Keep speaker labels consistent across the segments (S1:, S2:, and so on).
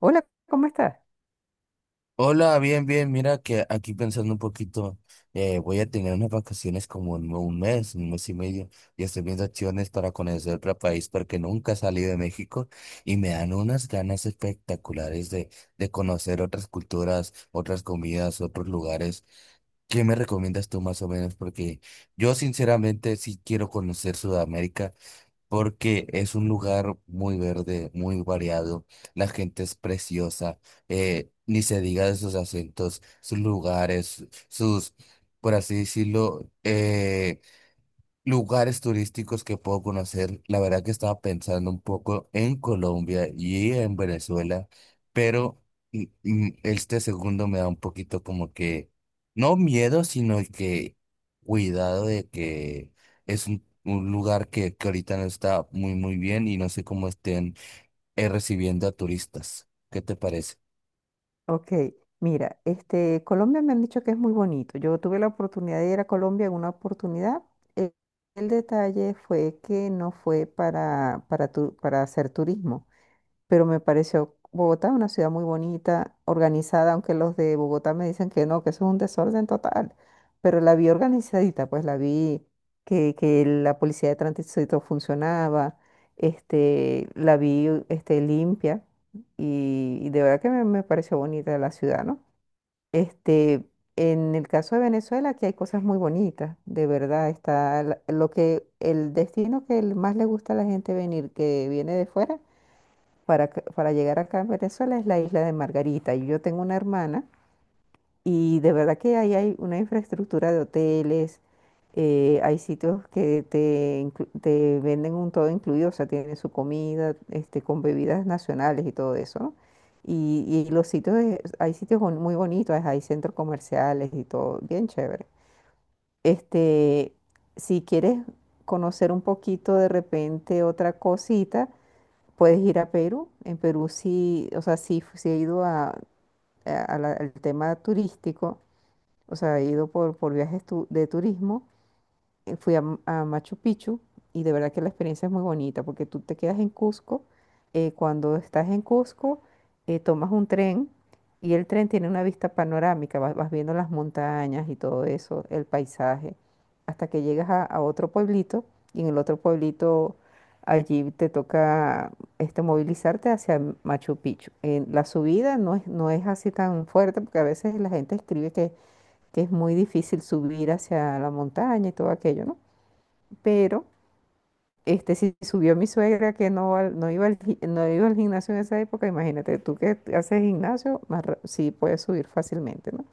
S1: Hola, ¿cómo estás?
S2: Hola, bien, bien. Mira que aquí pensando un poquito, voy a tener unas vacaciones como en un mes y medio, y estoy viendo acciones para conocer otro país porque nunca he salido de México y me dan unas ganas espectaculares de conocer otras culturas, otras comidas, otros lugares. ¿Qué me recomiendas tú más o menos? Porque yo sinceramente sí quiero conocer Sudamérica porque es un lugar muy verde, muy variado, la gente es preciosa, ni se diga de sus acentos, sus lugares, sus, por así decirlo, lugares turísticos que puedo conocer. La verdad que estaba pensando un poco en Colombia y en Venezuela, pero este segundo me da un poquito como que, no miedo, sino que cuidado de que es un lugar que ahorita no está muy, muy bien y no sé cómo estén recibiendo a turistas. ¿Qué te parece?
S1: Ok, mira, este, Colombia me han dicho que es muy bonito. Yo tuve la oportunidad de ir a Colombia en una oportunidad. El, el detalle fue que no fue para hacer turismo. Pero me pareció Bogotá una ciudad muy bonita, organizada, aunque los de Bogotá me dicen que no, que eso es un desorden total, pero la vi organizadita, pues la vi que la policía de tránsito funcionaba, este, la vi este, limpia y de verdad que me pareció bonita la ciudad, ¿no? Este, en el caso de Venezuela, aquí hay cosas muy bonitas, de verdad, está lo que el destino que más le gusta a la gente venir, que viene de fuera para, para llegar acá en Venezuela es la isla de Margarita. Y yo tengo una hermana y de verdad que ahí hay una infraestructura de hoteles, hay sitios que te, te venden un todo incluido, o sea, tienen su comida, este, con bebidas nacionales y todo eso, ¿no? Y los sitios, hay sitios muy bonitos, hay centros comerciales y todo, bien chévere. Este, si quieres conocer un poquito de repente otra cosita, puedes ir a Perú. En Perú sí, o sea, sí, sí he ido a, al tema turístico, o sea, he ido por, de turismo, fui a Machu Picchu y de verdad que la experiencia es muy bonita porque tú te quedas en Cusco. Cuando estás en Cusco, tomas un tren y el tren tiene una vista panorámica, vas, vas viendo las montañas y todo eso, el paisaje, hasta que llegas a otro pueblito y en el otro pueblito allí te toca este, movilizarte hacia Machu Picchu. La subida no es, no es así tan fuerte porque a veces la gente escribe que es muy difícil subir hacia la montaña y todo aquello, ¿no? Pero este, si subió mi suegra que no, no, no iba al gimnasio en esa época, imagínate, tú que haces gimnasio, más, sí puedes subir fácilmente, ¿no?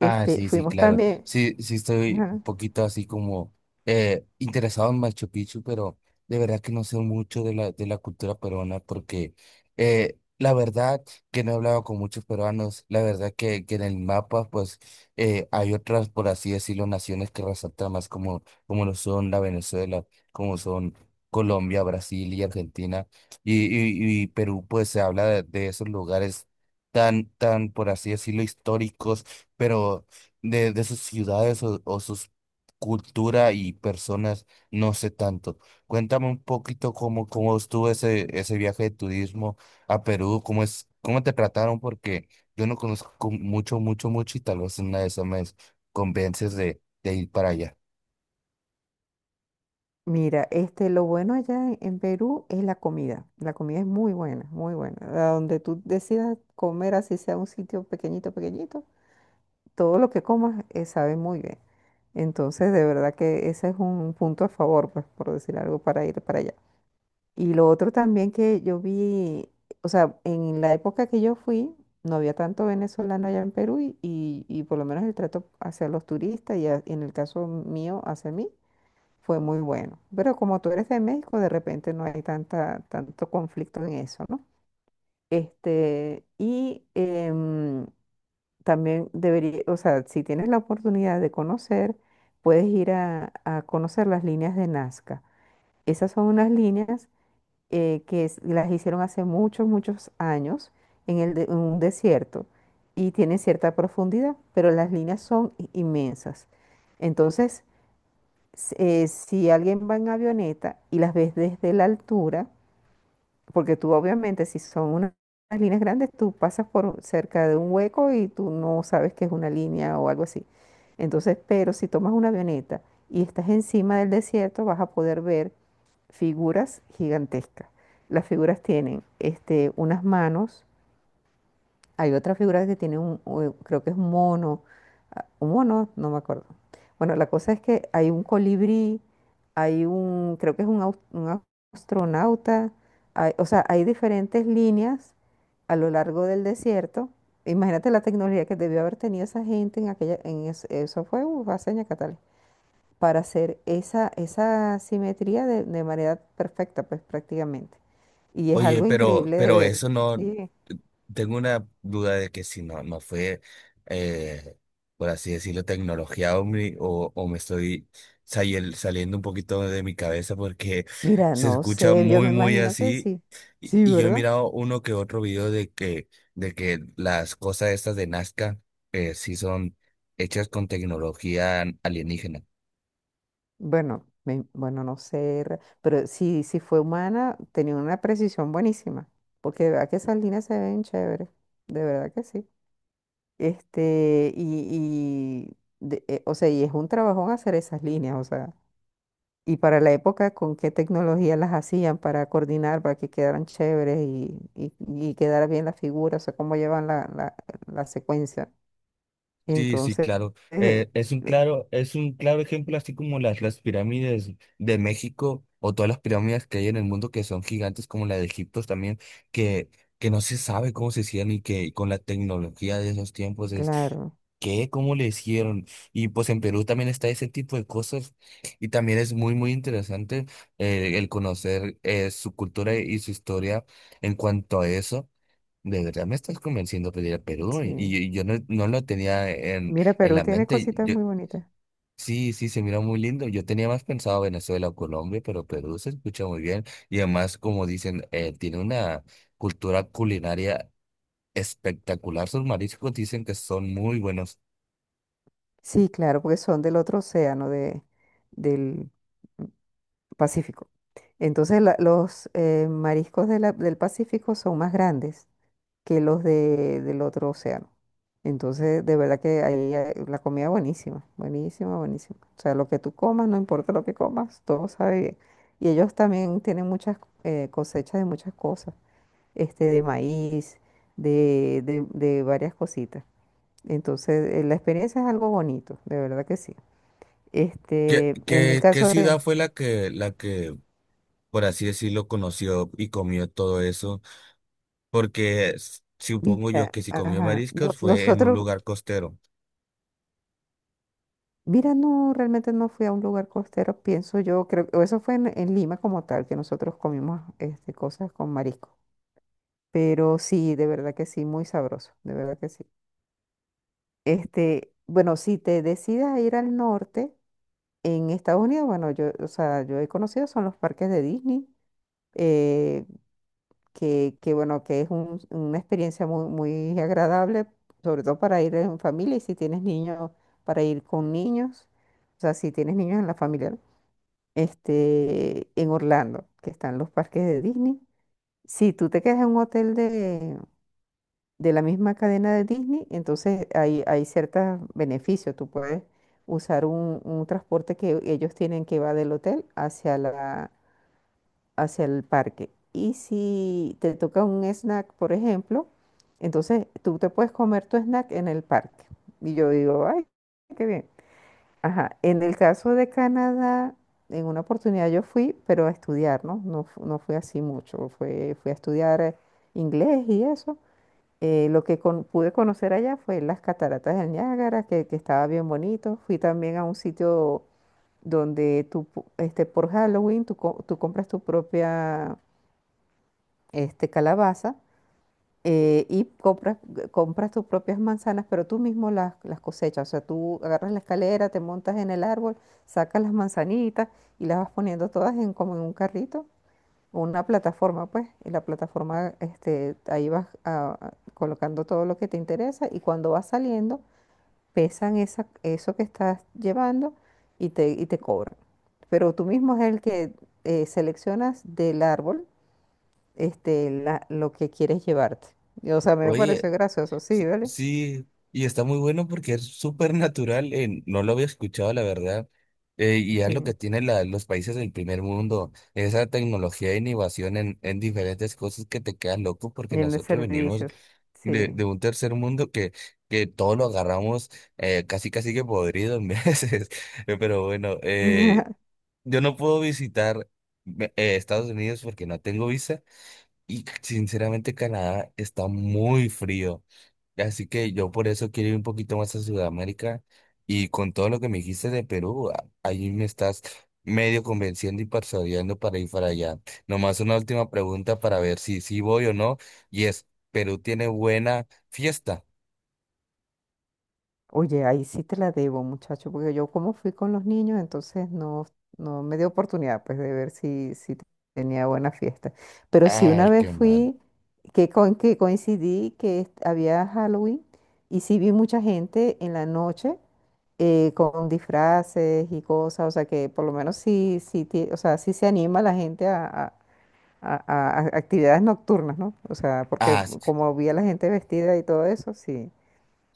S2: Ah, sí, sí,
S1: fuimos
S2: claro.
S1: también.
S2: Sí, sí estoy un
S1: Ajá.
S2: poquito así como interesado en Machu Picchu, pero de verdad que no sé mucho de de la cultura peruana porque, la verdad que no he hablado con muchos peruanos. La verdad que en el mapa pues, hay otras, por así decirlo, naciones que resaltan más como, como lo son la Venezuela, como son Colombia, Brasil y Argentina. Y Perú pues se habla de esos lugares tan, tan, por así decirlo, históricos, pero de sus ciudades o sus cultura y personas no sé tanto. Cuéntame un poquito cómo, cómo estuvo ese, ese viaje de turismo a Perú, cómo es, cómo te trataron, porque yo no conozco mucho, mucho, mucho y tal vez en una de esas me convences de ir para allá.
S1: Mira, este, lo bueno allá en Perú es la comida. La comida es muy buena, muy buena. A donde tú decidas comer, así sea un sitio pequeñito, pequeñito, todo lo que comas sabe muy bien. Entonces, de verdad que ese es un punto a favor, pues, por decir algo, para ir para allá. Y lo otro también que yo vi, o sea, en la época que yo fui, no había tanto venezolano allá en Perú y, y por lo menos el trato hacia los turistas y en el caso mío hacia mí fue muy bueno. Pero como tú eres de México, de repente no hay tanta, tanto conflicto en eso, ¿no? Este, y también debería, o sea, si tienes la oportunidad de conocer, puedes ir a conocer las líneas de Nazca. Esas son unas líneas las hicieron hace muchos, muchos años en, en un desierto y tienen cierta profundidad, pero las líneas son inmensas. Entonces, si alguien va en avioneta y las ves desde la altura, porque tú obviamente si son unas líneas grandes, tú pasas por cerca de un hueco y tú no sabes que es una línea o algo así. Entonces, pero si tomas una avioneta y estás encima del desierto, vas a poder ver figuras gigantescas. Las figuras tienen este, unas manos, hay otra figura que tiene un, creo que es un mono, ah, un mono, no me acuerdo. Bueno, la cosa es que hay un colibrí, hay un, creo que es un, astronauta, o sea, hay diferentes líneas a lo largo del desierto. Imagínate la tecnología que debió haber tenido esa gente en aquella, en eso fue, hace años catales, para hacer esa, esa simetría de manera perfecta, pues prácticamente. Y es
S2: Oye,
S1: algo increíble de
S2: pero
S1: ver,
S2: eso no,
S1: ¿sí?
S2: tengo una duda de que si no, no fue, eh, por así decirlo, tecnología hombre, o me estoy saliendo un poquito de mi cabeza porque
S1: Mira,
S2: se
S1: no
S2: escucha
S1: sé, yo
S2: muy,
S1: me
S2: muy
S1: imagino que
S2: así.
S1: sí. Sí,
S2: Y yo he
S1: ¿verdad?
S2: mirado uno que otro video de que las cosas estas de Nazca, sí son hechas con tecnología alienígena.
S1: Bueno, bueno, no sé, pero sí, si fue humana, tenía una precisión buenísima, porque de verdad que esas líneas se ven chéveres, de verdad que sí. Este, y o sea, y es un trabajón hacer esas líneas, o sea, y para la época, con qué tecnología las hacían para coordinar, para que quedaran chéveres y quedara bien la figura, o sea, cómo llevan la, la, la secuencia.
S2: Sí, sí,
S1: Entonces,
S2: claro.
S1: eh,
S2: Es un
S1: eh,
S2: claro, es un claro ejemplo, así como las pirámides de México o todas las pirámides que hay en el mundo que son gigantes, como la de Egipto también, que, que no se sabe cómo se hicieron y que con la tecnología de esos tiempos es
S1: claro,
S2: ¿qué? ¿Cómo le hicieron? Y pues en Perú también está ese tipo de cosas y también es muy, muy interesante, el conocer su cultura y su historia en cuanto a eso. De verdad me estás convenciendo a pedir a Perú
S1: sí.
S2: y yo no, no lo tenía
S1: Mira,
S2: en
S1: Perú
S2: la
S1: tiene
S2: mente.
S1: cositas
S2: Yo,
S1: muy bonitas.
S2: sí, sí, se mira muy lindo. Yo tenía más pensado Venezuela o Colombia, pero Perú se escucha muy bien y además, como dicen, tiene una cultura culinaria espectacular. Sus mariscos dicen que son muy buenos.
S1: Sí, claro, porque son del otro océano, de, del Pacífico. Entonces, los mariscos de del Pacífico son más grandes que los de, del otro océano. Entonces, de verdad que ahí la comida buenísima, buenísima, buenísima. O sea, lo que tú comas, no importa lo que comas, todo sabe bien. Y ellos también tienen muchas cosechas de muchas cosas. Este, de maíz, de, de varias cositas. Entonces, la experiencia es algo bonito, de verdad que sí.
S2: ¿Qué,
S1: Este, en el
S2: qué, qué
S1: caso de,
S2: ciudad fue la que, por así decirlo, conoció y comió todo eso? Porque supongo yo
S1: mira,
S2: que si comió
S1: ajá,
S2: mariscos fue en un
S1: nosotros,
S2: lugar costero.
S1: mira, no, realmente no fui a un lugar costero, pienso yo, creo que eso fue en Lima como tal, que nosotros comimos este, cosas con marisco. Pero sí, de verdad que sí, muy sabroso, de verdad que sí. Este, bueno, si te decidas a ir al norte, en Estados Unidos, bueno, yo, o sea, yo he conocido son los parques de Disney, eh, que, bueno, que es una experiencia muy, muy agradable, sobre todo para ir en familia y si tienes niños, para ir con niños, o sea, si tienes niños en la familia, ¿no? Este, en Orlando, que están los parques de Disney. Si tú te quedas en un hotel de la misma cadena de Disney, entonces hay ciertos beneficios. Tú puedes usar un transporte que ellos tienen que va del hotel hacia la hacia el parque. Y si te toca un snack, por ejemplo, entonces tú te puedes comer tu snack en el parque. Y yo digo, ay, qué bien. Ajá, en el caso de Canadá, en una oportunidad yo fui, pero a estudiar, ¿no? No, no fui así mucho, fue, fui a estudiar inglés y eso. Pude conocer allá fue las cataratas del Niágara, que estaba bien bonito. Fui también a un sitio donde tú, este, por Halloween, tú, tú compras tu propia este, calabaza y compras, compras tus propias manzanas, pero tú mismo las cosechas. O sea, tú agarras la escalera, te montas en el árbol, sacas las manzanitas y las vas poniendo todas en, como en un carrito o una plataforma, pues. Y la plataforma, este, ahí vas colocando todo lo que te interesa y cuando vas saliendo, pesan esa, eso que estás llevando y te cobran. Pero tú mismo es el que seleccionas del árbol este, lo que quieres llevarte. Y, o sea, me
S2: Oye,
S1: parece gracioso, sí,
S2: S-
S1: ¿vale?
S2: sí, y está muy bueno porque es súper natural. No lo había escuchado, la verdad. Y es lo que
S1: Sí,
S2: tienen los países del primer mundo, esa tecnología e innovación en diferentes cosas que te quedan loco, porque
S1: y en el
S2: nosotros venimos
S1: servicio, sí.
S2: de un tercer mundo que todo lo agarramos, casi casi que podrido en veces. Pero bueno, yo no puedo visitar Estados Unidos porque no tengo visa y sinceramente Canadá está muy frío. Así que yo por eso quiero ir un poquito más a Sudamérica y con todo lo que me dijiste de Perú, ahí me estás medio convenciendo y persuadiendo para ir para allá. Nomás una última pregunta para ver si sí voy o no, y es, ¿Perú tiene buena fiesta?
S1: Oye, ahí sí te la debo, muchacho, porque yo como fui con los niños, entonces no, no me dio oportunidad pues de ver si, si tenía buena fiesta. Pero sí una
S2: Ay,
S1: vez
S2: qué mal.
S1: fui, que, con, que coincidí que había Halloween y sí vi mucha gente en la noche con disfraces y cosas, o sea que por lo menos sí, sí, o sea, sí se anima la gente a, a actividades nocturnas, ¿no? O sea, porque
S2: Ah,
S1: como vi a la gente vestida y todo eso, sí,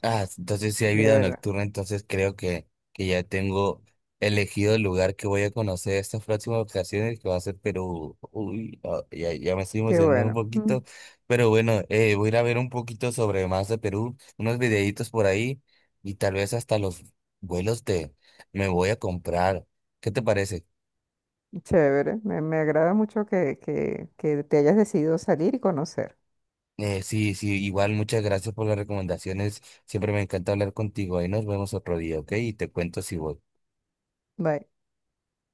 S2: ah, entonces si hay
S1: de
S2: vida
S1: verdad.
S2: nocturna, entonces creo que ya tengo elegido el lugar que voy a conocer estas próximas ocasiones, que va a ser Perú. Uy, ah, ya, ya me estoy
S1: Qué
S2: emocionando un
S1: bueno.
S2: poquito, pero bueno, voy a ir a ver un poquito sobre más de Perú, unos videitos por ahí y tal vez hasta los vuelos de me voy a comprar. ¿Qué te parece?
S1: Chévere, me agrada mucho que te hayas decidido salir y conocer.
S2: Sí, sí, igual muchas gracias por las recomendaciones. Siempre me encanta hablar contigo. Ahí nos vemos otro día, ¿ok? Y te cuento si voy.
S1: Bye.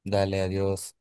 S2: Dale, adiós.